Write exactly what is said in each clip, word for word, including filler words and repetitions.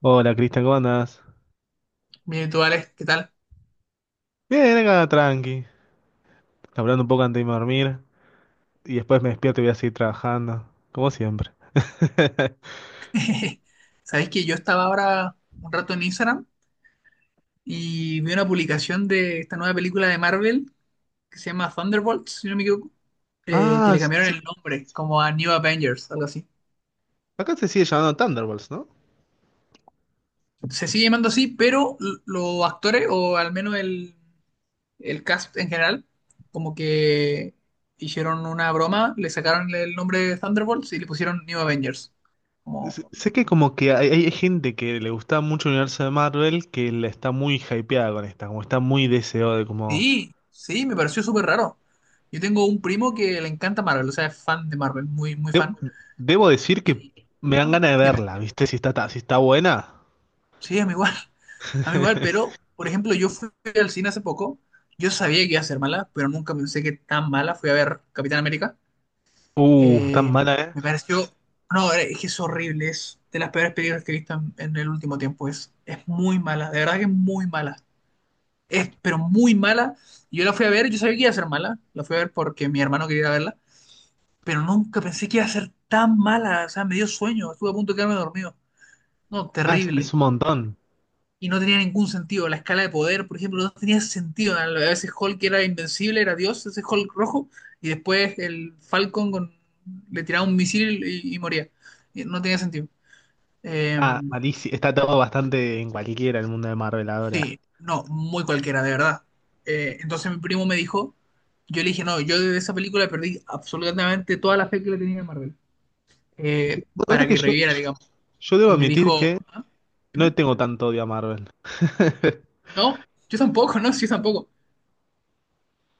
Hola Cristian, ¿cómo andás? Bien, ¿y tú, Alex? ¿Qué tal? Bien, acá tranqui, hablando un poco antes de irme a dormir y después me despierto y voy a seguir trabajando, como siempre. Sabéis que yo estaba ahora un rato en Instagram y vi una publicación de esta nueva película de Marvel que se llama Thunderbolts, si no me equivoco, eh, que Ah, le s- cambiaron sí, el nombre como a New Avengers, algo así. acá se sigue llamando Thunderbolts, ¿no? Se sigue llamando así, pero l- los actores, o al menos el, el cast en general, como que hicieron una broma, le sacaron el nombre de Thunderbolts y le pusieron New Avengers. S- Sé que como que hay, hay gente que le gusta mucho el universo de Marvel que la está muy hypeada con esta, como está muy deseado de como... Sí, sí, me pareció súper raro. Yo tengo un primo que le encanta Marvel, o sea, es fan de Marvel, muy, muy De- fan. debo decir que Y, me ah, dan ganas de dime, verla, ¿viste? Si está, ta- si está buena. sí, a mí igual, a mí igual, pero, por ejemplo, yo fui al cine hace poco, yo sabía que iba a ser mala, pero nunca pensé que tan mala. Fui a ver Capitán América. Uh, tan eh, mala, ¿eh? me pareció, no, eh, es que es horrible, es de las peores películas que he visto en, en el último tiempo. Es, es muy mala, de verdad que es muy mala. Es, pero muy mala. Y yo la fui a ver, yo sabía que iba a ser mala, la fui a ver porque mi hermano quería verla, pero nunca pensé que iba a ser tan mala. O sea, me dio sueño, estuve a punto de quedarme dormido. No, Ah, es, terrible. es un montón. Y no tenía ningún sentido. La escala de poder, por ejemplo, no tenía sentido. A veces Hulk era invencible, era Dios, ese Hulk rojo, y después el Falcon con- le tiraba un misil y, y moría. Y no tenía sentido. Eh, Ah, malísimo. Está todo bastante en cualquiera el mundo de Marvel ahora. sí, no, muy cualquiera, de verdad. Eh, entonces mi primo me dijo, yo le dije, no, yo de esa película perdí absolutamente toda la fe que le tenía en Marvel, eh, Vos sabés para que que yo, reviviera, digamos. yo debo Y me admitir dijo, que ¿ah? no le Dime. tengo tanto odio a Marvel. No, yo tampoco, no, yo tampoco.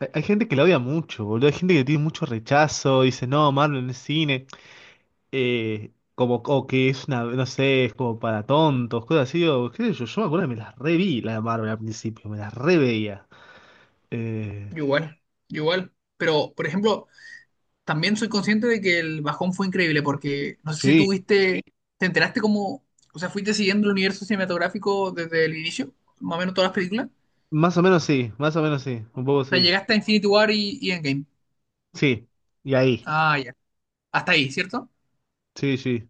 Hay hay gente que la odia mucho, boludo. Hay gente que tiene mucho rechazo. Dice, no, Marvel no es cine. Eh, como, o que es una, no sé, es como para tontos, cosas así. O, qué sé yo, yo me acuerdo que me las reví, la de Marvel al principio. Me las reveía. Eh, Yo Igual, yo igual. Pero, por ejemplo, también soy consciente de que el bajón fue increíble porque no sé si tú sí, viste, te enteraste cómo, o sea, fuiste siguiendo el universo cinematográfico desde el inicio, más o menos todas las películas. más o menos sí, más o menos sí. Un poco O sea, sí. llegaste a Infinity War y, y Endgame. Sí, y ahí. Ah, ya. Hasta ahí, ¿cierto? Sí, sí.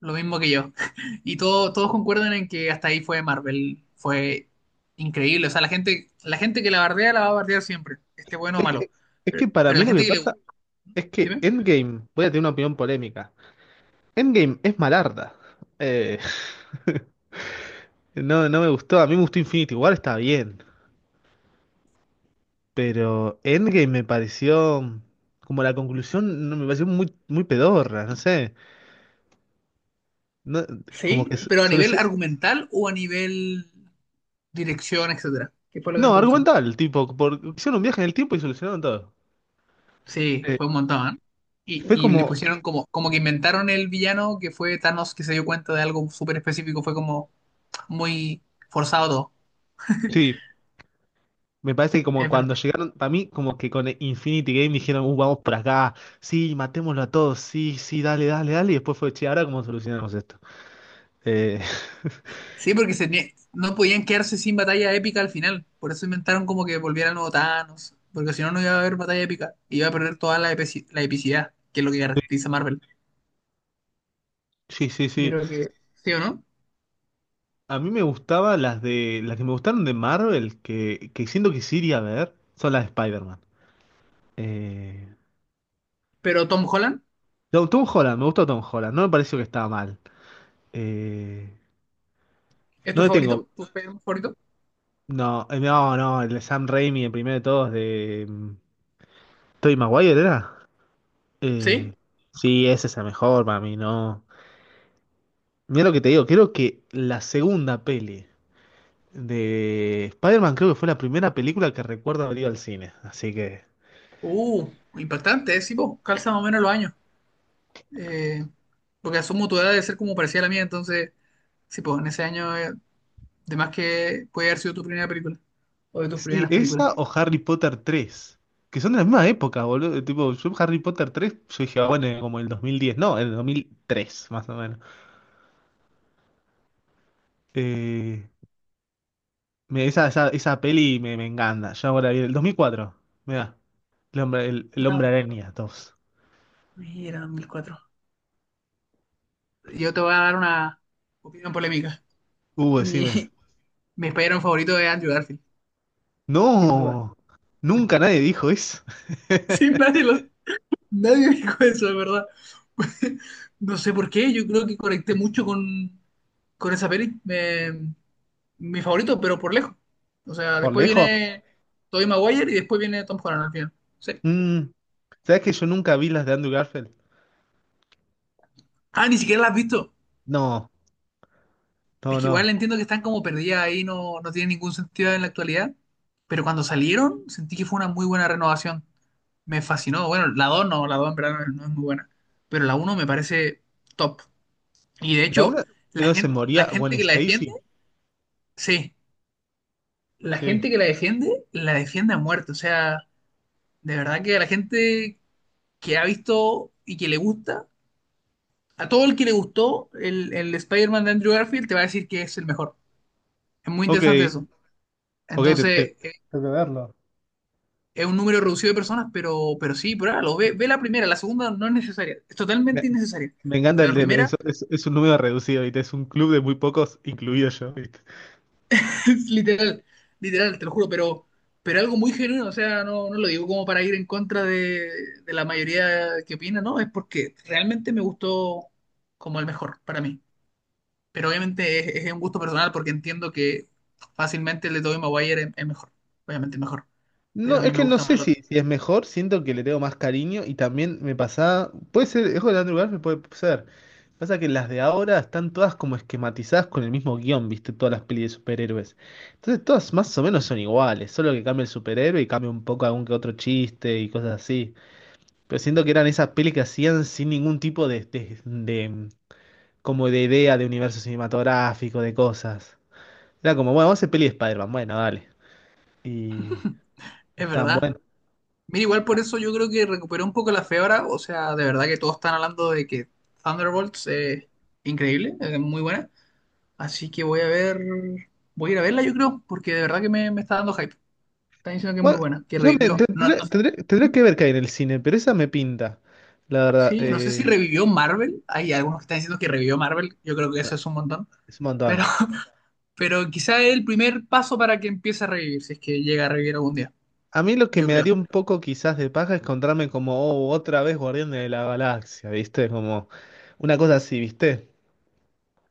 Lo mismo que yo. Y todo- todos concuerdan en que hasta ahí fue Marvel. Fue increíble. O sea, la gente, la gente que la bardea la va a bardear siempre, esté bueno o Es malo. que, es que Pero, para pero mí la lo que gente que le gusta. pasa es que Endgame, voy a tener una opinión polémica. Endgame es malarda. Eh, no, no me gustó, a mí me gustó Infinity War, está bien, pero Endgame me pareció como la conclusión, no, me pareció muy, muy pedorra, no sé. No, como que Sí, s- pero a nivel solucio- argumental o a nivel dirección, etcétera. ¿Qué fue lo que no no, te gustó? argumental, tipo, por, hicieron un viaje en el tiempo y solucionaron todo. Sí, Eh, fue un montón, ¿eh? Y, fue y le como, pusieron como, como que inventaron el villano que fue Thanos que se dio cuenta de algo súper específico. Fue como muy forzado todo. sí, me parece que como Es cuando verdad. llegaron, para mí, como que con Infinity Game dijeron, uh, vamos por acá, sí, matémoslo a todos, sí, sí, dale, dale, dale, y después fue, che, ahora cómo solucionamos esto. Eh, Sí, porque se nie- no podían quedarse sin batalla épica al final. Por eso inventaron como que volviera el nuevo Thanos. Porque si no, no iba a haber batalla épica. Iba a perder toda la, epeci- la epicidad, que es lo que caracteriza a Marvel. sí, sí, Yo sí. creo que sí o no. A mí me gustaba las de, las que me gustaron de Marvel, que, que siento que sí iría a ver, son las de Spider-Man. Eh, Pero Tom Holland. no, Tom Holland, me gustó Tom Holland, no me pareció que estaba mal. Eh, ¿Es no tu le tengo, favorito? ¿Tu superhéroe favorito? no, eh, no, no, el de Sam Raimi, el primero de todos, de mm, Tobey Maguire, ¿era? Eh, Sí. sí, esa es la mejor para mí, no. Mira lo que te digo, creo que la segunda peli de Spider-Man creo que fue la primera película que recuerdo haber ido al cine. Así que. Uh, impactante, ¿eh? Sí, po, calza más o menos los años. Eh, porque asumo tu edad debe ser como parecía la mía, entonces, sí, pues en ese año, eh, de más que puede haber sido tu primera película o de tus Sí, primeras esa películas. o Harry Potter tres, que son de la misma época, boludo. Tipo, yo Harry Potter tres, yo dije, ah, bueno, eh, como en el dos mil diez, no, en el dos mil tres, más o menos. Eh, me- esa, esa, esa peli me, me encanta. Ya ahora vi el dos mil cuatro. Mira, el hombre, el, el hombre No, araña dos. mira, dos mil cuatro. Yo te voy a dar una opinión polémica. Uh, Mi, decime. mi spider favorito es Andrew Garfield, sin duda. No, nunca nadie dijo eso. Sí, nadie, lo, nadie dijo eso, de verdad. No sé por qué, yo creo que conecté mucho con, con esa peli. Me, mi favorito, pero por lejos. O sea, Por después lejos. viene Tobey Maguire y después viene Tom Holland al final. Sí. Mm, ¿sabes que yo nunca vi las de Andrew Garfield? Ah, ni siquiera la has visto. No, Es no, que igual no. entiendo que están como perdidas ahí, no, no tiene ningún sentido en la actualidad. Pero cuando salieron, sentí que fue una muy buena renovación. Me fascinó. Bueno, la dos no, la dos en verdad no no es muy buena. Pero la uno me parece top. Y de La hecho, una es la donde se gente, la moría Gwen gente que la defiende, Stacy. sí, la Sí. gente que la defiende, la defiende a muerte. O sea, de verdad que a la gente que ha visto y que le gusta, a todo el que le gustó el, el Spider-Man de Andrew Garfield te va a decir que es el mejor. Es muy Ok, interesante eso. ok, te- te- Entonces, eh, tengo que verlo. es un número reducido de personas, pero, pero sí, pruébalo. Ve, ve la primera, la segunda no es necesaria. Es Me, totalmente innecesaria. me encanta Pero el la de- primera, es, es- es un número reducido, ¿viste? Es un club de muy pocos, incluido yo. es literal, literal, te lo juro, pero, pero algo muy genuino. O sea, no, no lo digo como para ir en contra de, de la mayoría que opina, no. Es porque realmente me gustó como el mejor para mí, pero obviamente es, es un gusto personal porque entiendo que fácilmente el de Tobey Maguire es, es mejor, obviamente es mejor, pero No, a es mí me que no gusta más sé el si, otro. si es mejor, siento que le tengo más cariño y también me pasa. Puede ser, es de Andrew Garfield, puede ser. Pasa que las de ahora están todas como esquematizadas con el mismo guión, viste, todas las pelis de superhéroes. Entonces todas más o menos son iguales, solo que cambia el superhéroe y cambia un poco algún que otro chiste y cosas así. Pero siento que eran esas pelis que hacían sin ningún tipo de, de, de- como de idea de universo cinematográfico, de cosas. Era como, bueno, vamos a hacer peli de Spider-Man, bueno, dale. Y, y Es estaban verdad. Mira, igual por eso yo creo que recuperó un poco la fiebre, o sea, de verdad que todos están hablando de que Thunderbolts es increíble, es muy buena, así que voy a ver, voy a ir a verla yo creo, porque de verdad que me, me está dando hype. Están diciendo que es muy Bueno, buena, que yo me- revivió. No, tendré, no, tendré- tendré ¿Mm? que ver qué hay en el cine, pero esa me pinta, la verdad. Sí, no sé si eh, revivió Marvel, hay algunos que están diciendo que revivió Marvel, yo creo que eso Bueno, es un montón. es un Pero montón. Pero quizá es el primer paso para que empiece a revivir, si es que llega a revivir algún día, A mí lo que yo me daría creo. un poco quizás de paja es encontrarme como, oh, otra vez Guardián de la Galaxia, ¿viste? Como una cosa así, ¿viste?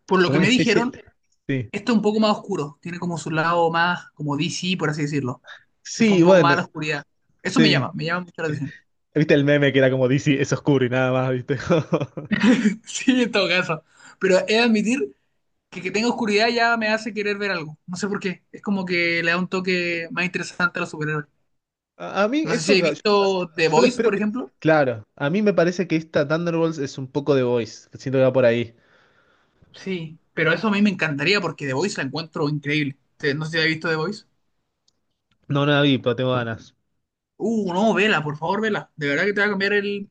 Por lo Como que una me especie... dijeron, Sí. esto es un poco más oscuro, tiene como su lado más, como D C, por así decirlo. Se fue Sí, un poco más a bueno, la oscuridad. Eso me sí. llama, me llama mucho la atención. ¿Viste el meme que era como D C, es oscuro y nada más, ¿viste? Sí, en todo caso. Pero he de admitir que que tenga oscuridad ya me hace querer ver algo. No sé por qué. Es como que le da un toque más interesante a los superhéroes. A, a mí No sé si eso, he yo, visto The yo lo Voice, espero por que... ejemplo. Claro, a mí me parece que esta Thunderbolts es un poco de Voice, siento que va por ahí. Sí, pero eso a mí me encantaría porque The Voice la encuentro increíble. Te- No sé si has visto The Voice. No, no la vi, pero tengo ganas. Uh, no, vela, por favor, vela. De verdad que te va a cambiar el,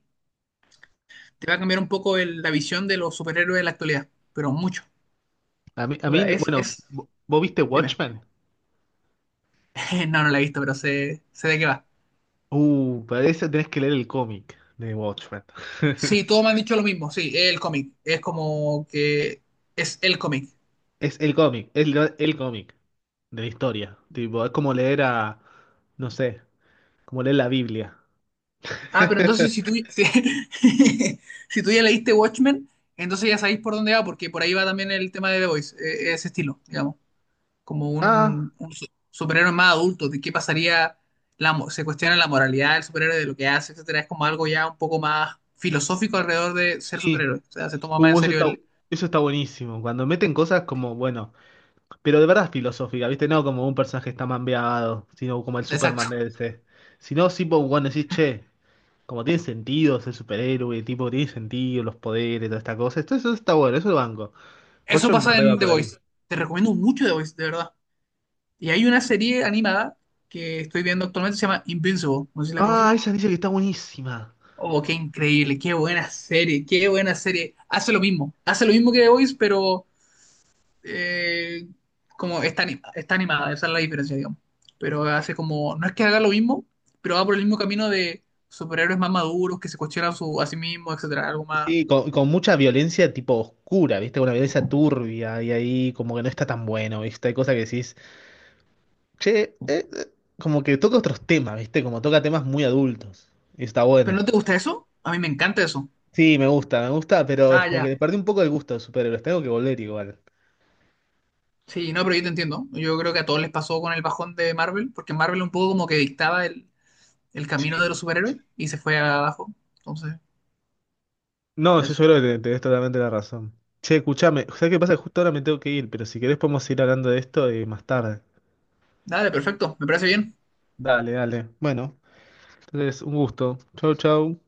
te va a cambiar un poco el- la visión de los superhéroes de la actualidad, pero mucho. A mí, a O mí, sea, es, bueno, es, ¿vo- ¿vos viste dime. Watchmen? No, no la he visto, pero sé, sé de qué va. Uh, para eso tenés que leer el cómic de Watchmen. Sí, todos me han dicho lo mismo, sí, es el cómic. Es como que es el cómic. Es el cómic, es el, el cómic de la historia. Tipo, es como leer a, no sé, como leer la Biblia. Ah, pero entonces si tú, si, si tú ya leíste Watchmen, entonces ya sabéis por dónde va, porque por ahí va también el tema de The Voice, eh, ese estilo, digamos. Como Ah, un, un su- superhéroe más adulto, de qué pasaría, la, mo- se cuestiona la moralidad del superhéroe, de lo que hace, etcétera, es como algo ya un poco más filosófico alrededor de ser sí. superhéroe, o sea, se toma más en Uh, eso serio está, el... eso está buenísimo. Cuando meten cosas como, bueno, pero de verdad filosófica, ¿viste? No como un personaje está mambeado, sino como el Superman Exacto. de este. Sino, sí, vos, bueno, decís, che. Como tiene sentido ser superhéroe, tipo, tiene sentido los poderes, toda esta cosa. Esto, eso está bueno, eso lo banco. Eso Bocho en pasa reba en The por ahí. Voice. Te recomiendo mucho The Voice, de verdad. Y hay una serie animada que estoy viendo actualmente, se llama Invincible, no sé si la Ah, conoces. esa dice que está buenísima. Oh, qué increíble, qué buena serie, qué buena serie. Hace lo mismo, hace lo mismo que The Voice, pero eh, como está, anim- está animada, esa es la diferencia, digamos. Pero hace como, no es que haga lo mismo, pero va por el mismo camino de superhéroes más maduros, que se cuestionan su, a sí mismos, etcétera, algo más. Sí, con, con mucha violencia tipo oscura, ¿viste? Con una violencia turbia y ahí como que no está tan bueno, ¿viste? Hay cosas que decís, che, eh, eh", como que toca otros temas, ¿viste? Como toca temas muy adultos. Y está ¿Pero bueno. no te gusta eso? A mí me encanta eso. Sí, me gusta, me gusta, pero es Ah, como que ya. le perdí un poco el gusto de superhéroes. Tengo que volver igual. Sí, no, pero yo te entiendo. Yo creo que a todos les pasó con el bajón de Marvel, porque Marvel un poco como que dictaba el, el camino de los superhéroes y se fue abajo. Entonces, No, yo, eso. yo creo que te- tenés totalmente la razón. Che, escuchame, ¿sabés qué pasa? Justo ahora me tengo que ir, pero si querés podemos ir hablando de esto eh, más tarde. Dale, perfecto, me parece bien. Dale, dale. Bueno, entonces un gusto. Chau, chau.